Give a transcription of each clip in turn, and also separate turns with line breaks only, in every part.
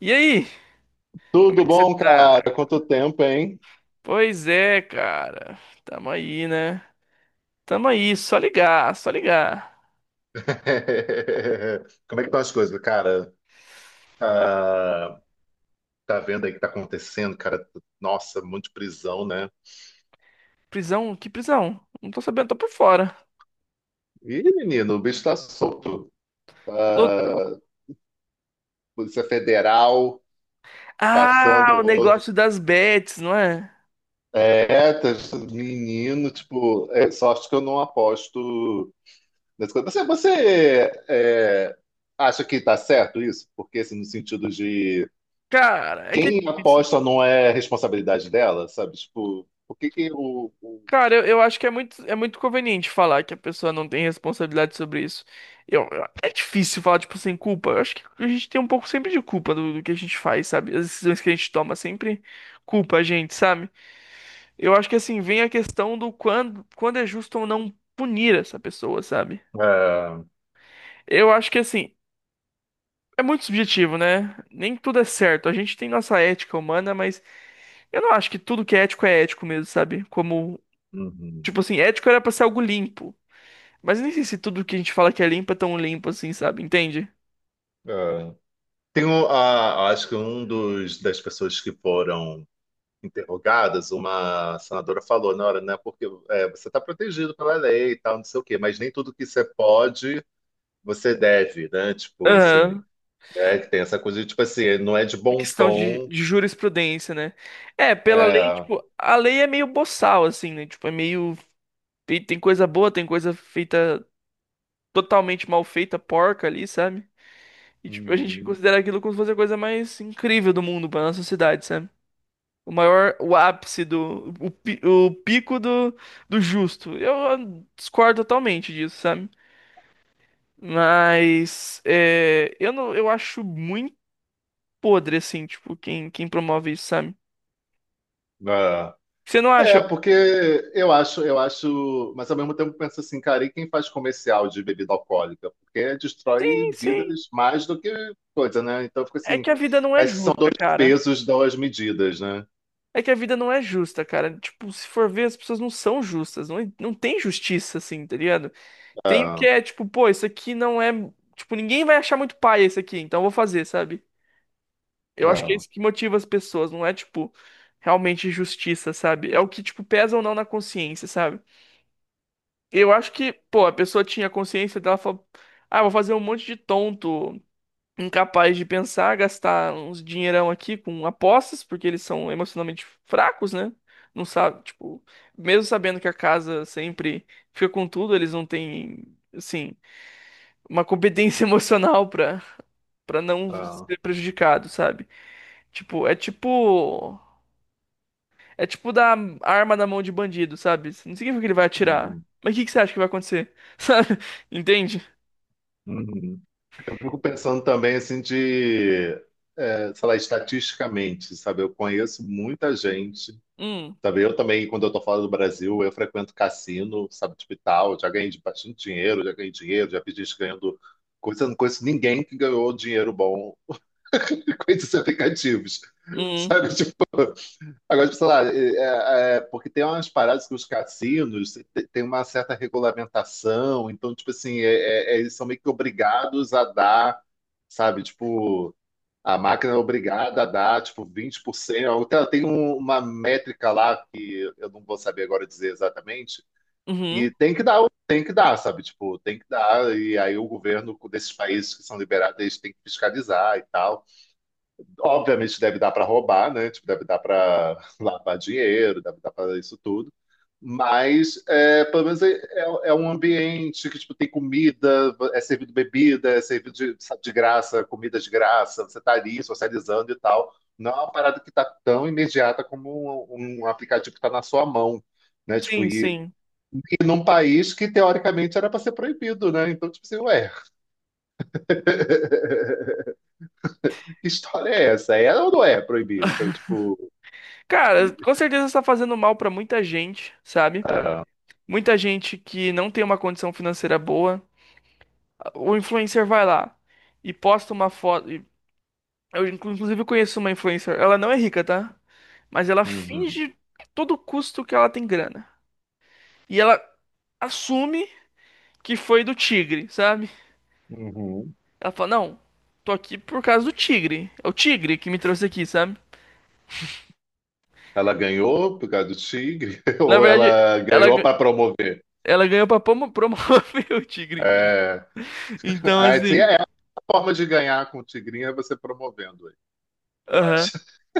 E aí, como é
Tudo
que você
bom,
tá?
cara? Quanto tempo, hein?
Pois é, cara. Tamo aí, né? Tamo aí, só ligar, só ligar.
Como é que estão as coisas, cara? Ah, tá vendo aí o que tá acontecendo, cara? Nossa, muito prisão, né?
Prisão? Que prisão? Não tô sabendo, tô por fora.
Ih, menino, o bicho tá solto.
Tô-
Ah, Polícia Federal passando
Ah,
o
o
rodo.
negócio das bets, não é?
É, menino, tipo, é sorte que eu não aposto nessas coisas. Você, é, acha que tá certo isso? Porque, assim, no sentido de
Cara, é que é
quem
difícil.
aposta não é responsabilidade dela, sabe? Tipo, por que que
Cara, eu acho que é muito conveniente falar que a pessoa não tem responsabilidade sobre isso. É difícil falar, tipo, sem culpa. Eu acho que a gente tem um pouco sempre de culpa do que a gente faz, sabe? As decisões que a gente toma sempre culpa a gente, sabe? Eu acho que assim vem a questão do quando é justo ou não punir essa pessoa, sabe?
É,
Eu acho que assim é muito subjetivo, né? Nem tudo é certo. A gente tem nossa ética humana, mas eu não acho que tudo que é ético mesmo, sabe? Como, tipo
uhum,
assim, ético era pra ser algo limpo. Mas nem sei se tudo que a gente fala que é limpo é tão limpo assim, sabe? Entende?
é. Tem acho que um dos das pessoas que foram interrogadas, uma senadora falou na hora, né? Porque é, você está protegido pela lei e tal, não sei o quê, mas nem tudo que você pode, você deve, né? Tipo assim,
Aham.
é que tem essa coisa de tipo assim, não é de
A
bom
questão de,
tom.
de jurisprudência, né? É, pela lei,
É,
tipo, a lei é meio boçal, assim, né? Tipo, é meio. Tem coisa boa, tem coisa feita totalmente mal feita, porca ali, sabe? E tipo, a gente
uhum,
considera aquilo como se fosse a coisa mais incrível do mundo pra nossa sociedade, sabe? O maior, o ápice do, o, o pico do, do justo. Eu discordo totalmente disso, sabe? Mas é, eu não, eu acho muito podre assim, tipo, quem promove isso, sabe?
é.
Você não
É,
acha?
porque eu acho, mas ao mesmo tempo eu penso assim, cara, e quem faz comercial de bebida alcoólica? Porque destrói
Sim, sim.
vidas mais do que coisa, né? Então fica
É
assim,
que a vida não é
parece que são
justa,
dois
cara.
pesos, duas medidas, né?
É que a vida não é justa, cara. Tipo, se for ver, as pessoas não são justas. Não tem justiça, assim, tá ligado? Tem o que
Ah,
é tipo, pô, isso aqui não é. Tipo, ninguém vai achar muito paia isso aqui, então eu vou fazer, sabe? Eu acho que é
ah,
isso que motiva as pessoas, não é tipo realmente justiça, sabe? É o que, tipo, pesa ou não na consciência, sabe? Eu acho que, pô, a pessoa tinha consciência dela, falou, ah, vou fazer um monte de tonto, incapaz de pensar, gastar uns dinheirão aqui com apostas, porque eles são emocionalmente fracos, né? Não sabe, tipo, mesmo sabendo que a casa sempre fica com tudo, eles não têm, assim. Uma competência emocional pra, pra não
ah,
ser prejudicado, sabe? Tipo, é tipo. É tipo dar a arma na mão de bandido, sabe? Não significa que ele vai atirar.
uhum,
Mas o que que você acha que vai acontecer? Sabe? Entende?
uhum. Eu fico pensando também assim de, é, sei lá, estatisticamente, sabe? Eu conheço muita gente.
Hum,
Sabe, eu também, quando eu tô fora do Brasil, eu frequento cassino, sabe, tipo e tal. Já ganhei bastante dinheiro, já ganhei dinheiro, já vi gente ganhando coisa. Não conheço ninguém que ganhou dinheiro bom com esses aplicativos,
hum,
sabe? Tipo, agora, tipo, sei lá, é, porque tem umas paradas que os cassinos tem uma certa regulamentação, então, tipo assim, é, eles são meio que obrigados a dar, sabe, tipo. A máquina é obrigada a dar, tipo, 20%. Ela tem uma métrica lá que eu não vou saber agora dizer exatamente.
uhum.
E tem que dar, sabe? Tipo, tem que dar. E aí o governo desses países que são liberados, eles têm que fiscalizar e tal. Obviamente deve dar para roubar, né? Tipo, deve dar para lavar dinheiro, deve dar para isso tudo. Mas é, pelo menos é, é um ambiente que tipo, tem comida, é servido bebida, é servido de, sabe, de graça, comida de graça, você está ali socializando e tal. Não é uma parada que está tão imediata como um aplicativo que está na sua mão, né? Tipo,
Sim,
e,
sim.
num país que teoricamente era para ser proibido, né? Então, tipo assim, ué, que história é essa? É ou não é proibido? Sabe, tipo.
Cara, com certeza está fazendo mal pra muita gente, sabe? Muita gente que não tem uma condição financeira boa. O influencer vai lá e posta uma foto. Eu, inclusive, conheço uma influencer. Ela não é rica, tá? Mas ela
Uhum.
finge a todo custo que ela tem grana. E ela assume que foi do tigre, sabe?
Uhum.
Ela fala, não, tô aqui por causa do tigre. É o tigre que me trouxe aqui, sabe?
Ela ganhou por causa do tigre?
Na
Ou
verdade,
ela
ela,
ganhou
ga-
para promover?
ela ganhou pra promover o tigre. Entendeu?
É,
Então,
é, assim,
assim,
é a forma de ganhar com o tigrinho é você promovendo ele, eu
aham.
acho.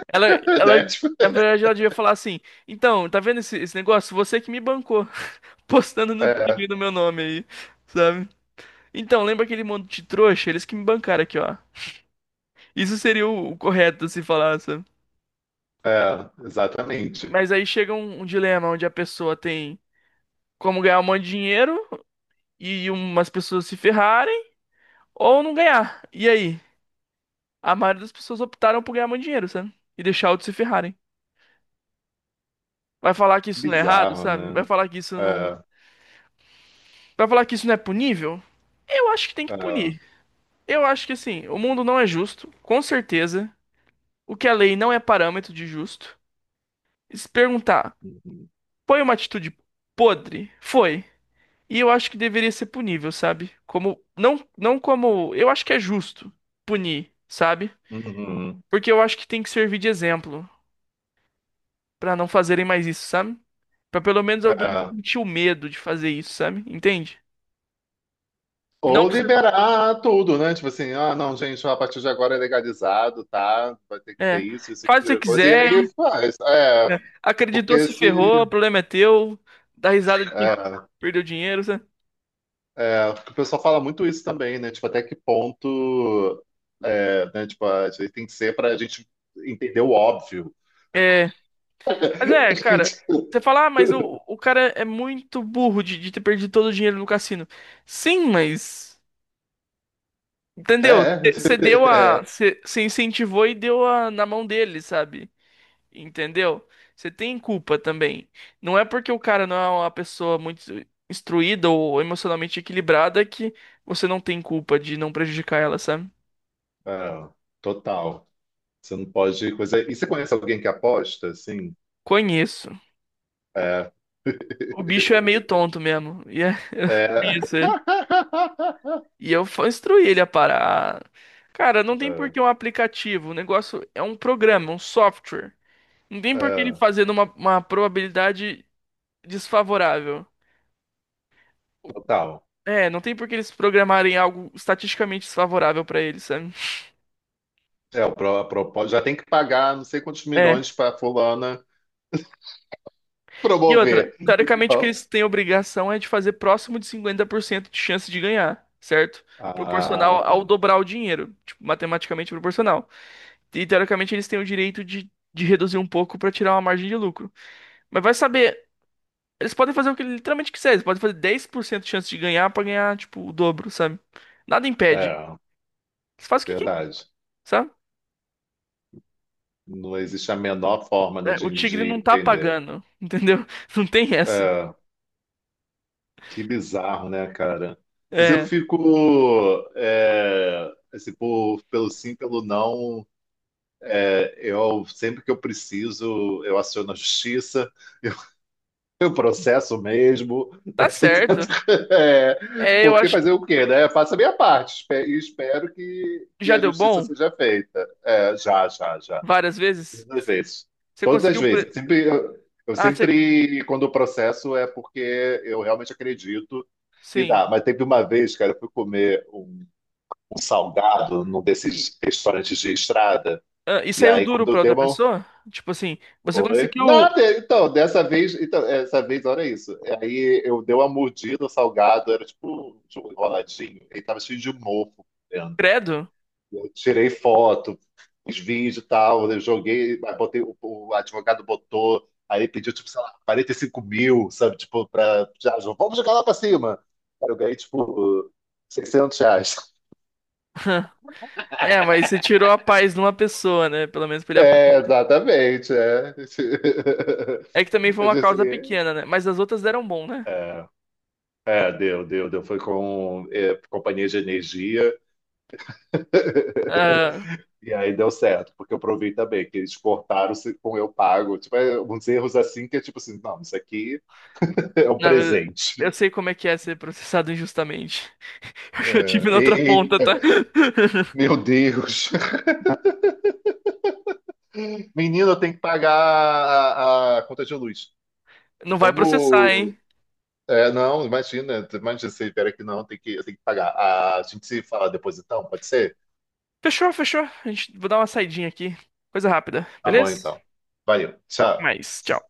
Ela, ela,
Né? Tipo.
na verdade, ela devia falar assim, então, tá vendo esse, esse negócio? Você que me bancou, postando no
É,
tigre no meu nome aí, sabe? Então, lembra aquele monte de trouxa? Eles que me bancaram aqui, ó. Isso seria o correto se falar, sabe?
é, exatamente.
Mas aí chega um, um dilema onde a pessoa tem como ganhar um monte de dinheiro e umas pessoas se ferrarem ou não ganhar. E aí? A maioria das pessoas optaram por ganhar muito dinheiro, sabe? E deixar outros se ferrarem. Vai falar que isso não é errado,
Bizarro,
sabe? Vai
né?
falar que isso não.
É,
Vai falar que isso não é punível? Eu acho que tem que
é.
punir. Eu acho que assim, o mundo não é justo, com certeza. O que a lei não é parâmetro de justo. E se perguntar,
Uhum.
foi uma atitude podre? Foi. E eu acho que deveria ser punível, sabe? Como não não como, eu acho que é justo punir, sabe?
Uhum.
Porque eu acho que tem que servir de exemplo pra não fazerem mais isso, sabe? Pra pelo menos alguém
É.
sentir o medo de fazer isso, sabe? Entende? Não
Ou
precisa-
liberar tudo, né? Tipo assim, ah, não, gente, a partir de agora é legalizado, tá? Vai ter que
é,
ter isso, isso,
faz o que você
aquilo, coisa. E
quiser,
aí faz. É,
né? Acreditou,
porque
se
se.
ferrou, o problema é teu, dá risada de quem
É,
perdeu dinheiro, sabe?
É, porque o pessoal fala muito isso também, né? Tipo, até que ponto, é, né? Tipo, a gente tem que ser para a gente entender o óbvio.
É, mas é, cara, você fala, ah, mas o cara é muito burro de ter perdido todo o dinheiro no cassino. Sim, mas entendeu?
É,
Você deu
é,
a.
é,
Você incentivou e deu a, na mão dele, sabe? Entendeu? Você tem culpa também. Não é porque o cara não é uma pessoa muito instruída ou emocionalmente equilibrada que você não tem culpa de não prejudicar ela, sabe?
Ah, total. Você não pode coisa. E você conhece alguém que aposta, assim?
Conheço.
É,
O bicho é meio tonto mesmo. E é,
é,
conheço ele. E eu instruí ele a parar. Cara, não tem por
é,
que um aplicativo. O negócio é um programa, um software. Não tem por que ele
é,
fazer numa uma probabilidade desfavorável.
total.
É, não tem por que eles programarem algo estatisticamente desfavorável pra eles, sabe?
É, o pro, a propo- já tem que pagar não sei quantos
É.
milhões para fulana
E outra,
promover.
teoricamente o que
Então.
eles têm obrigação é de fazer próximo de 50% de chance de ganhar, certo?
Ah,
Proporcional
tá.
ao dobrar o dinheiro, tipo, matematicamente proporcional. E teoricamente eles têm o direito de reduzir um pouco pra tirar uma margem de lucro. Mas vai saber, eles podem fazer o que eles literalmente quiserem, eles podem fazer 10% de chance de ganhar pra ganhar, tipo, o dobro, sabe? Nada impede.
É,
Eles fazem o que quer,
verdade.
sabe?
Não existe a menor forma, né,
É, o
de,
tigre não tá
entender.
pagando, entendeu? Não tem essa.
É, que bizarro, né, cara? Mas eu
É,
fico, é, assim, pelo sim, pelo não, é, eu sempre que eu preciso, eu aciono a justiça, eu, eu processo mesmo, né,
tá
tento,
certo.
é,
É, eu
porque
acho.
fazer o quê, né? Eu faço a minha parte e espero que,
Já
a
deu
justiça
bom
seja feita. É, já, já, já.
várias vezes?
Todas as vezes.
Você
Todas as
conseguiu.
vezes. Eu sempre, eu, eu
Ah, você.
sempre, quando o processo é porque eu realmente acredito e
Sim.
dá. Mas teve uma vez, cara, eu fui comer um, salgado num
E,
desses restaurantes de estrada.
ah, e
E
saiu
aí,
duro
quando eu
pra
dei
outra
uma.
pessoa? Tipo assim, você
Oi?
conseguiu.
Nada! Então, dessa vez, então, essa vez, olha isso. Aí eu dei uma mordida no salgado, era tipo um enroladinho. Ele tava cheio de mofo dentro.
Credo?
Eu tirei foto, fiz vídeo e tal, eu joguei, aí botei, o advogado botou, aí pediu, tipo, sei lá, 45 mil, sabe? Tipo, pra. Já, vamos jogar lá pra cima. Cara, eu ganhei, tipo, R$ 600.
É, mas você tirou a paz de uma pessoa, né? Pelo menos pra ele
É,
aprender.
exatamente, é.
É que também foi
Eu
uma
disse
causa
assim,
pequena, né? Mas as outras deram bom, né?
é, deu, deu, deu. Foi com é, companhia de energia
Ah,
e aí deu certo, porque eu provei também que eles cortaram com eu pago. Tipo, é, uns erros assim que é tipo assim, não, isso aqui é um
não, mas
presente.
eu sei como é que é ser processado injustamente. Eu já tive
É,
na outra ponta, tá?
eita, meu Deus. Menino, eu tenho que pagar a conta de luz.
Não vai processar,
Vamos.
hein?
É, não, imagina, imagina, você espera que não, eu tenho que pagar. Ah, a gente se fala depois então, pode ser?
Fechou, fechou. A gente, vou dar uma saidinha aqui. Coisa rápida,
Tá bom
beleza?
então. Valeu, tchau.
Mas, tchau.